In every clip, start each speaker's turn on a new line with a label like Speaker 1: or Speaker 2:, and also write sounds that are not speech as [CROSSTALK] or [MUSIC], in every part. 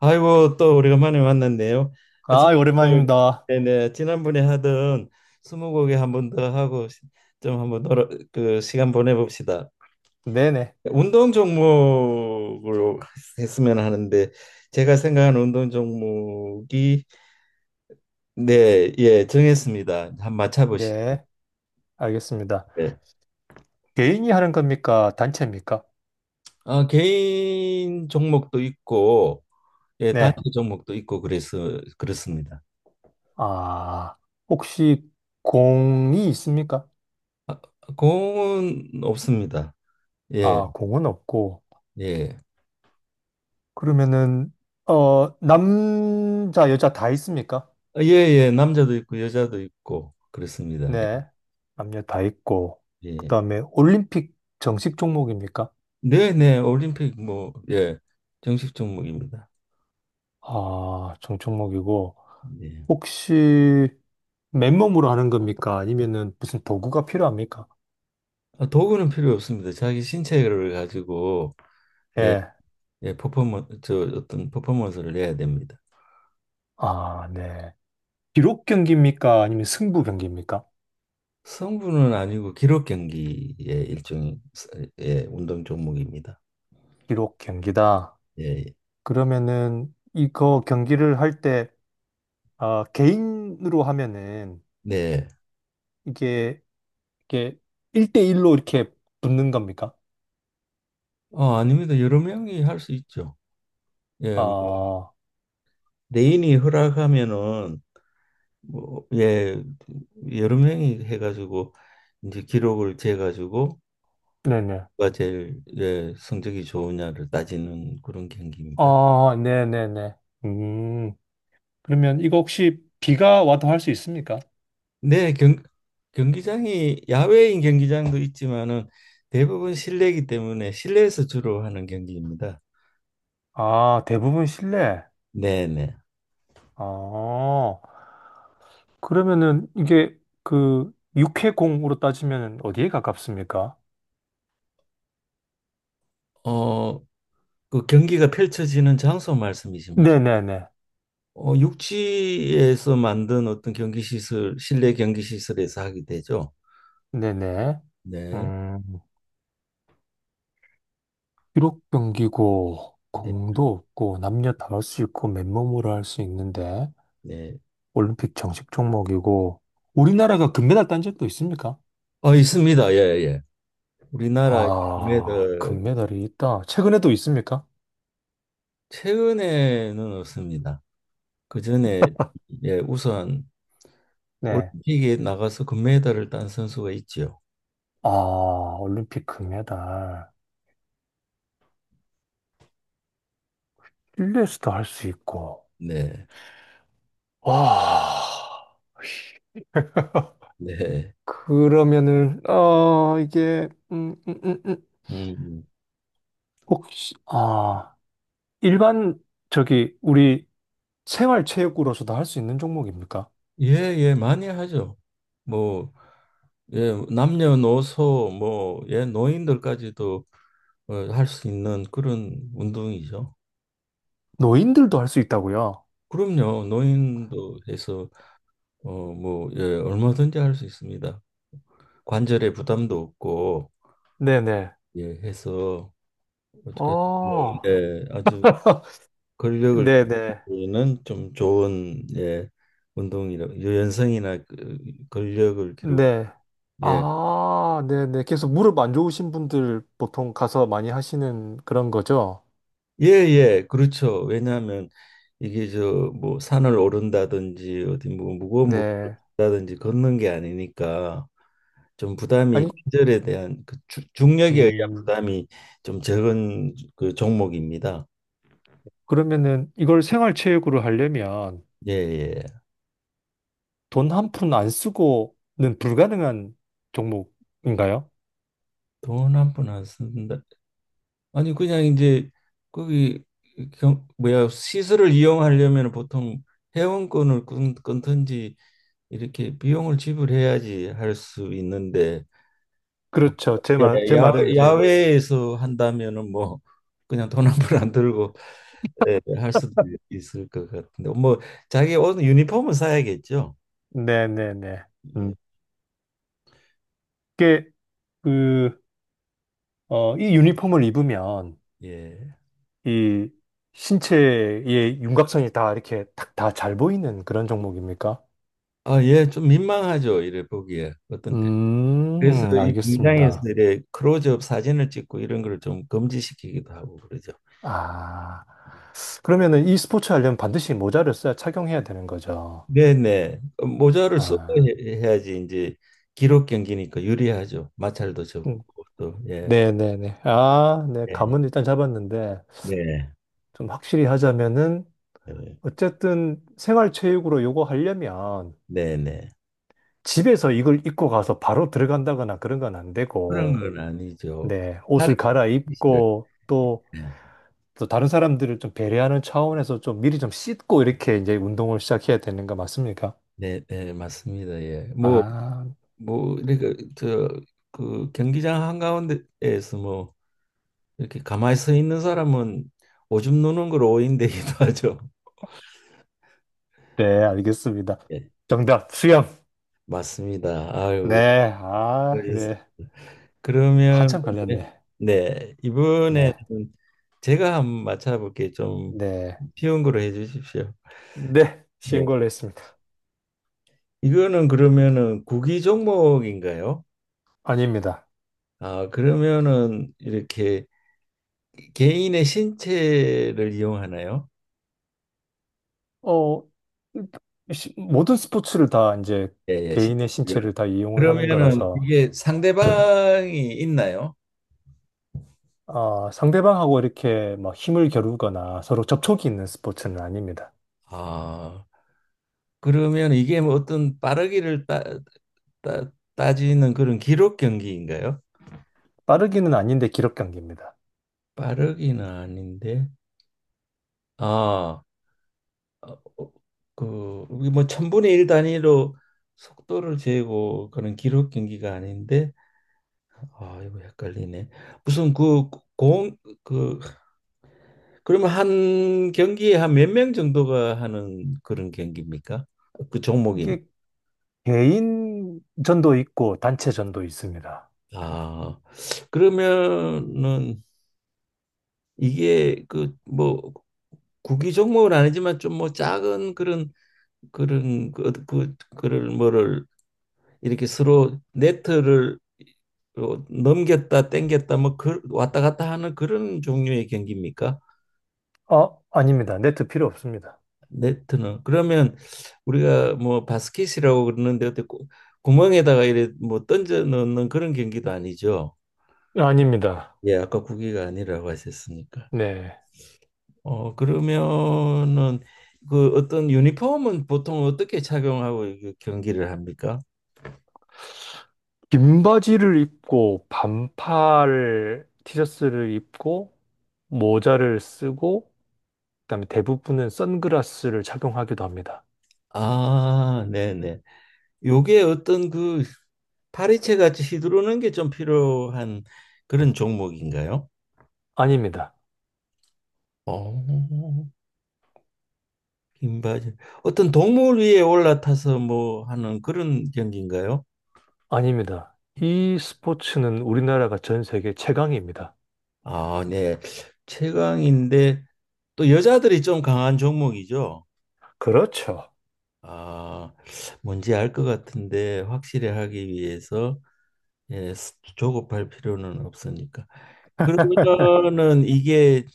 Speaker 1: 아이고 또 오래간만에 만났네요. 아, 지-
Speaker 2: 아, 오랜만입니다.
Speaker 1: 네네, 지난번에 하던 스무고개 한 번 더 하고 좀 한번 놀아, 그 시간 보내봅시다.
Speaker 2: 네네.
Speaker 1: 운동 종목으로 했으면 하는데 제가 생각하는 운동 종목이 네, 예, 정했습니다. 한번 맞춰보시죠.
Speaker 2: 네, 알겠습니다.
Speaker 1: 예.
Speaker 2: 개인이 하는 겁니까? 단체입니까?
Speaker 1: 아, 개인 종목도 있고 예, 단체
Speaker 2: 네.
Speaker 1: 종목도 있고 그래서 그렇습니다.
Speaker 2: 아, 혹시 공이 있습니까?
Speaker 1: 아, 공은 없습니다. 예,
Speaker 2: 아, 공은 없고.
Speaker 1: 예.
Speaker 2: 그러면은, 남자, 여자 다 있습니까?
Speaker 1: 아, 예, 예, 남자도 있고 여자도 있고 그렇습니다. 예.
Speaker 2: 네. 남녀 다 있고. 그
Speaker 1: 예.
Speaker 2: 다음에 올림픽 정식 종목입니까?
Speaker 1: 네, 네, 올림픽 뭐 예, 정식 종목입니다.
Speaker 2: 아, 정 종목이고.
Speaker 1: 예.
Speaker 2: 혹시 맨몸으로 하는 겁니까? 아니면은 무슨 도구가 필요합니까?
Speaker 1: 아, 도구는 필요 없습니다. 자기 신체를 가지고 예,
Speaker 2: 예.
Speaker 1: 예, 퍼포먼 저 어떤 퍼포먼스를 내야 됩니다.
Speaker 2: 아, 네. 기록 경기입니까? 아니면 승부 경기입니까?
Speaker 1: 성분은 아니고 기록 경기의 일종의 예, 운동 종목입니다.
Speaker 2: 기록 경기다.
Speaker 1: 예, 예.
Speaker 2: 그러면은 이거 경기를 할 때, 아, 개인으로 하면은
Speaker 1: 네.
Speaker 2: 이게, 이게 1대1로 이렇게 붙는 겁니까?
Speaker 1: 아닙니다. 여러 명이 할 수 있죠. 예, 뭐,
Speaker 2: 아,
Speaker 1: 레인이 허락하면은 뭐, 예, 여러 명이 해가지고 이제 기록을 재가지고
Speaker 2: 네네.
Speaker 1: 누가 제일 예, 성적이 좋으냐를 따지는 그런 경기입니다.
Speaker 2: 아, 네네네. 음, 그러면 이거 혹시 비가 와도 할 수 있습니까?
Speaker 1: 네, 경기장이 야외인 경기장도 있지만은 대부분 실내이기 때문에 실내에서 주로 하는 경기입니다.
Speaker 2: 아, 대부분 실내.
Speaker 1: 네, 네.
Speaker 2: 아, 그러면은 이게 그 육해공으로 따지면 어디에 가깝습니까?
Speaker 1: 어, 그 경기가 펼쳐지는 장소 말씀이십니까?
Speaker 2: 네네네.
Speaker 1: 어, 육지에서 만든 어떤 경기 시설, 실내 경기 시설에서 하게 되죠.
Speaker 2: 네네.
Speaker 1: 네.
Speaker 2: 음, 기록 경기고,
Speaker 1: 네.
Speaker 2: 공도 없고, 남녀 다 할 수 있고, 맨몸으로 할 수 있는데,
Speaker 1: 네.
Speaker 2: 올림픽 정식 종목이고, 우리나라가 금메달 딴 적도 있습니까?
Speaker 1: 어, 있습니다. 예, 예. 우리나라
Speaker 2: 아,
Speaker 1: 매들
Speaker 2: 금메달이 있다. 최근에도 있습니까?
Speaker 1: 최근에는 없습니다. 그 전에 예, 우선
Speaker 2: 네.
Speaker 1: 올림픽에 나가서 금메달을 딴 선수가 있지요.
Speaker 2: 아, 올림픽 금메달. 실내에서도 할 수 있고.
Speaker 1: 네.
Speaker 2: 와,
Speaker 1: 네.
Speaker 2: 그러면은,
Speaker 1: 음.
Speaker 2: 혹시, 아, 일반, 저기, 우리, 생활체육으로서도 할 수 있는 종목입니까?
Speaker 1: 예, 예, 많이 하죠. 뭐 예, 남녀노소 뭐 예, 노인들까지도 어, 할 수 있는 그런 운동이죠.
Speaker 2: 노인들도 할 수 있다고요?
Speaker 1: 그럼요. 노인도 해서 어, 뭐 예, 얼마든지 할 수 있습니다. 관절에 부담도 없고
Speaker 2: 네네.
Speaker 1: 예, 해서 아주,
Speaker 2: 어,
Speaker 1: 예, 아주
Speaker 2: [LAUGHS]
Speaker 1: 근력을
Speaker 2: 네네.
Speaker 1: 기르는 좀 좋은 예, 운동이라 유연성이나 그 근력을 기르고
Speaker 2: 네.
Speaker 1: 예,
Speaker 2: 아, 네네. 그래서 무릎 안 좋으신 분들 보통 가서 많이 하시는 그런 거죠?
Speaker 1: 예, 예, 그렇죠. 왜냐하면 이게 저 뭐 산을 오른다든지 어디 뭐 무거운 물을
Speaker 2: 네.
Speaker 1: 든다든지 걷는 게 아니니까 좀 부담이
Speaker 2: 아니,
Speaker 1: 관절에 대한 그 중력에 의한
Speaker 2: 음,
Speaker 1: 부담이 좀 적은 그 종목입니다.
Speaker 2: 그러면은 이걸 생활체육으로 하려면
Speaker 1: 예, 예.
Speaker 2: 돈 한 푼 안 쓰고는 불가능한 종목인가요?
Speaker 1: 돈 한푼 안 쓴다. 아니 그냥 이제 거기 뭐야 시설을 이용하려면 보통 회원권을 끊든지 이렇게 비용을 지불해야지 할 수 있는데 어,
Speaker 2: 그렇죠.
Speaker 1: 야-
Speaker 2: 제 말은 이제,
Speaker 1: 야외에서 한다면은 뭐 그냥 돈 한 푼 안 들고 예, 할 수도 있을 것 같은데 뭐 자기 옷 유니폼은 사야겠죠.
Speaker 2: 네네네.
Speaker 1: 예,
Speaker 2: 음. 이게, 어, 이 유니폼을 입으면
Speaker 1: 예.
Speaker 2: 이 신체의 윤곽선이 다 이렇게 탁 다 잘 보이는 그런 종목입니까?
Speaker 1: 아, 예, 좀 민망하죠. 이래 보기에 어떤 그래서 이 공장에서
Speaker 2: 알겠습니다.
Speaker 1: 이래 크로즈업 사진을 찍고 이런 걸 좀 금지시키기도 하고 그러죠.
Speaker 2: 아, 그러면은 이 스포츠 하려면 반드시 모자를 써야 착용해야 되는 거죠.
Speaker 1: 네네. 어, 모자를 쓰고
Speaker 2: 아,
Speaker 1: 해야지 이제 기록 경기니까 유리하죠. 마찰도
Speaker 2: 음,
Speaker 1: 적고 또 예.
Speaker 2: 네네네. 아, 네.
Speaker 1: 예.
Speaker 2: 감은 일단 잡았는데,
Speaker 1: 네.
Speaker 2: 좀 확실히 하자면은,
Speaker 1: 네.
Speaker 2: 어쨌든 생활체육으로 요거 하려면,
Speaker 1: 네네.
Speaker 2: 집에서 이걸 입고 가서 바로 들어간다거나 그런 건 안
Speaker 1: 그런
Speaker 2: 되고,
Speaker 1: 건 아니죠.
Speaker 2: 네,
Speaker 1: 다른
Speaker 2: 옷을
Speaker 1: 기술을.
Speaker 2: 갈아입고 또,
Speaker 1: 네.
Speaker 2: 또 다른 사람들을 좀 배려하는 차원에서 좀 미리 좀 씻고 이렇게 이제 운동을 시작해야 되는 거 맞습니까?
Speaker 1: 네, 네, 맞습니다. 예. 뭐,
Speaker 2: 아,
Speaker 1: 이렇게, 저, 그 경기장 한가운데에서 뭐, 이렇게 가만히 서 있는 사람은 오줌 누는 걸 오인되기도 [LAUGHS] 하죠.
Speaker 2: 네, 알겠습니다.
Speaker 1: 예.
Speaker 2: 정답, 수영.
Speaker 1: 맞습니다. 아유,
Speaker 2: 네, 아,
Speaker 1: 그래서-
Speaker 2: 네.
Speaker 1: 그러면
Speaker 2: 한참
Speaker 1: 네,
Speaker 2: 걸렸네.
Speaker 1: 네, 이번에는
Speaker 2: 네,
Speaker 1: 제가 한번 맞춰볼게 좀
Speaker 2: 네.
Speaker 1: 쉬운 거로 해주십시오.
Speaker 2: 네, 쉬운
Speaker 1: 예,
Speaker 2: 걸로 했습니다.
Speaker 1: 이거는 그러면은 구기 종목인가요?
Speaker 2: 아닙니다.
Speaker 1: 아, 그러면은 이렇게 개인의 신체를 이용하나요?
Speaker 2: 어, 모든 스포츠를 다 이제
Speaker 1: 예, 예.
Speaker 2: 개인의 신체를 다 이용을 하는
Speaker 1: 그러면은
Speaker 2: 거라서,
Speaker 1: 이게 상대방이 있나요?
Speaker 2: 아, 상대방하고 이렇게 막 힘을 겨루거나 서로 접촉이 있는 스포츠는 아닙니다.
Speaker 1: 아, 그러면 이게 뭐 어떤 빠르기를 따지는 그런 기록 경기인가요?
Speaker 2: 빠르기는 아닌데 기록 경기입니다.
Speaker 1: 빠르기는 아닌데 아, 어, 어, 그, 우리 뭐 천분의 일 단위로 속도를 재고 그런 기록 경기가 아닌데 아 이거 헷갈리네 무슨 그 공 그 그러면 한 경기에 한 몇 명 정도가 하는 그런 경기입니까? 그 종목이
Speaker 2: 이게 개인전도 있고 단체전도 있습니다.
Speaker 1: 아 그러면은 이게 그 뭐 구기 종목은 아니지만 좀 뭐 작은 그런 그런 그를 뭐를 이렇게 서로 네트를 어, 넘겼다 땡겼다 뭐 그, 왔다 갔다 하는 그런 종류의 경기입니까?
Speaker 2: 어, 아닙니다. 네트 필요 없습니다.
Speaker 1: 네트는 그러면 우리가 뭐 바스켓이라고 그러는데 어때 구멍에다가 이래 뭐 던져 넣는 그런 경기도 아니죠.
Speaker 2: 아닙니다.
Speaker 1: 예, 아까 구기가 아니라고 하셨으니까.
Speaker 2: 네.
Speaker 1: 어 그러면은 그 어떤 유니폼은 보통 어떻게 착용하고 이게 경기를 합니까?
Speaker 2: 긴 바지를 입고 반팔 티셔츠를 입고 모자를 쓰고 그다음에 대부분은 선글라스를 착용하기도 합니다.
Speaker 1: 아, 네네. 요게 어떤 그 파리채 같이 휘두르는 게 좀 필요한 그런 종목인가요?
Speaker 2: 아닙니다.
Speaker 1: 어, 긴 바지. 어떤 동물 위에 올라타서 뭐 하는 그런 경기인가요?
Speaker 2: 아닙니다. 이 스포츠는 우리나라가 전 세계 최강입니다.
Speaker 1: 아, 네. 최강인데 또 여자들이 좀 강한 종목이죠.
Speaker 2: 그렇죠.
Speaker 1: 아, 뭔지 알 것 같은데 확실히 하기 위해서 예, 조급할 필요는 없으니까. 그러면은 이게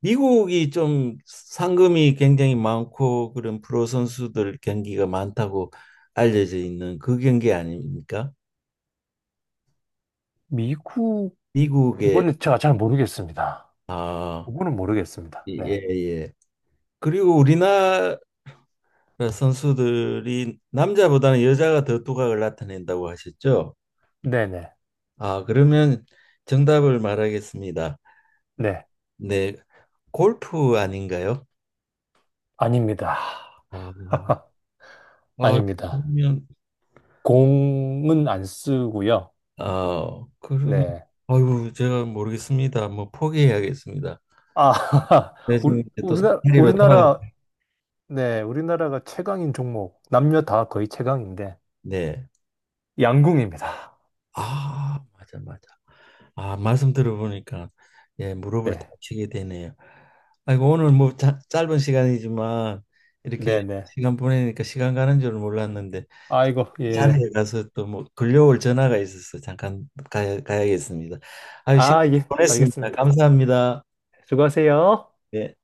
Speaker 1: 미국이 좀 상금이 굉장히 많고 그런 프로 선수들 경기가 많다고 알려져 있는 그 경기 아닙니까?
Speaker 2: 미국,
Speaker 1: 미국의
Speaker 2: 이거는 제가 잘 모르겠습니다.
Speaker 1: 아,
Speaker 2: 그거는 모르겠습니다.
Speaker 1: 예,
Speaker 2: 네.
Speaker 1: 예. 그리고 우리나라 선수들이 남자보다는 여자가 더 두각을 나타낸다고 하셨죠?
Speaker 2: 네네.
Speaker 1: 아, 그러면 정답을 말하겠습니다.
Speaker 2: 네.
Speaker 1: 네, 골프 아닌가요?
Speaker 2: 아닙니다.
Speaker 1: 아,
Speaker 2: [LAUGHS]
Speaker 1: 아,
Speaker 2: 아닙니다.
Speaker 1: 그러면
Speaker 2: 공은 안 쓰고요.
Speaker 1: 아, 그러면
Speaker 2: 네.
Speaker 1: 아이 제가 모르겠습니다. 뭐 포기해야겠습니다.
Speaker 2: 아, [LAUGHS]
Speaker 1: 네, 지금 이제 또 사다리로 돌아가.
Speaker 2: 우리나라, 네. 우리나라가 최강인 종목. 남녀 다 거의 최강인데.
Speaker 1: 네.
Speaker 2: 양궁입니다.
Speaker 1: 아, 맞아, 맞아. 아, 말씀 들어보니까 예, 무릎을
Speaker 2: 네.
Speaker 1: 다치게 되네요. 아이고 오늘 뭐 짧은 시간이지만 이렇게
Speaker 2: 네네.
Speaker 1: 시간 보내니까 시간 가는 줄 몰랐는데
Speaker 2: 아이고, 예.
Speaker 1: 자리에 가서 또 뭐 걸려올 전화가 있어서 잠깐 가야겠습니다. 아유, 시간
Speaker 2: 아, 예.
Speaker 1: 보냈습니다.
Speaker 2: 알겠습니다.
Speaker 1: 감사합니다.
Speaker 2: 수고하세요.
Speaker 1: 네.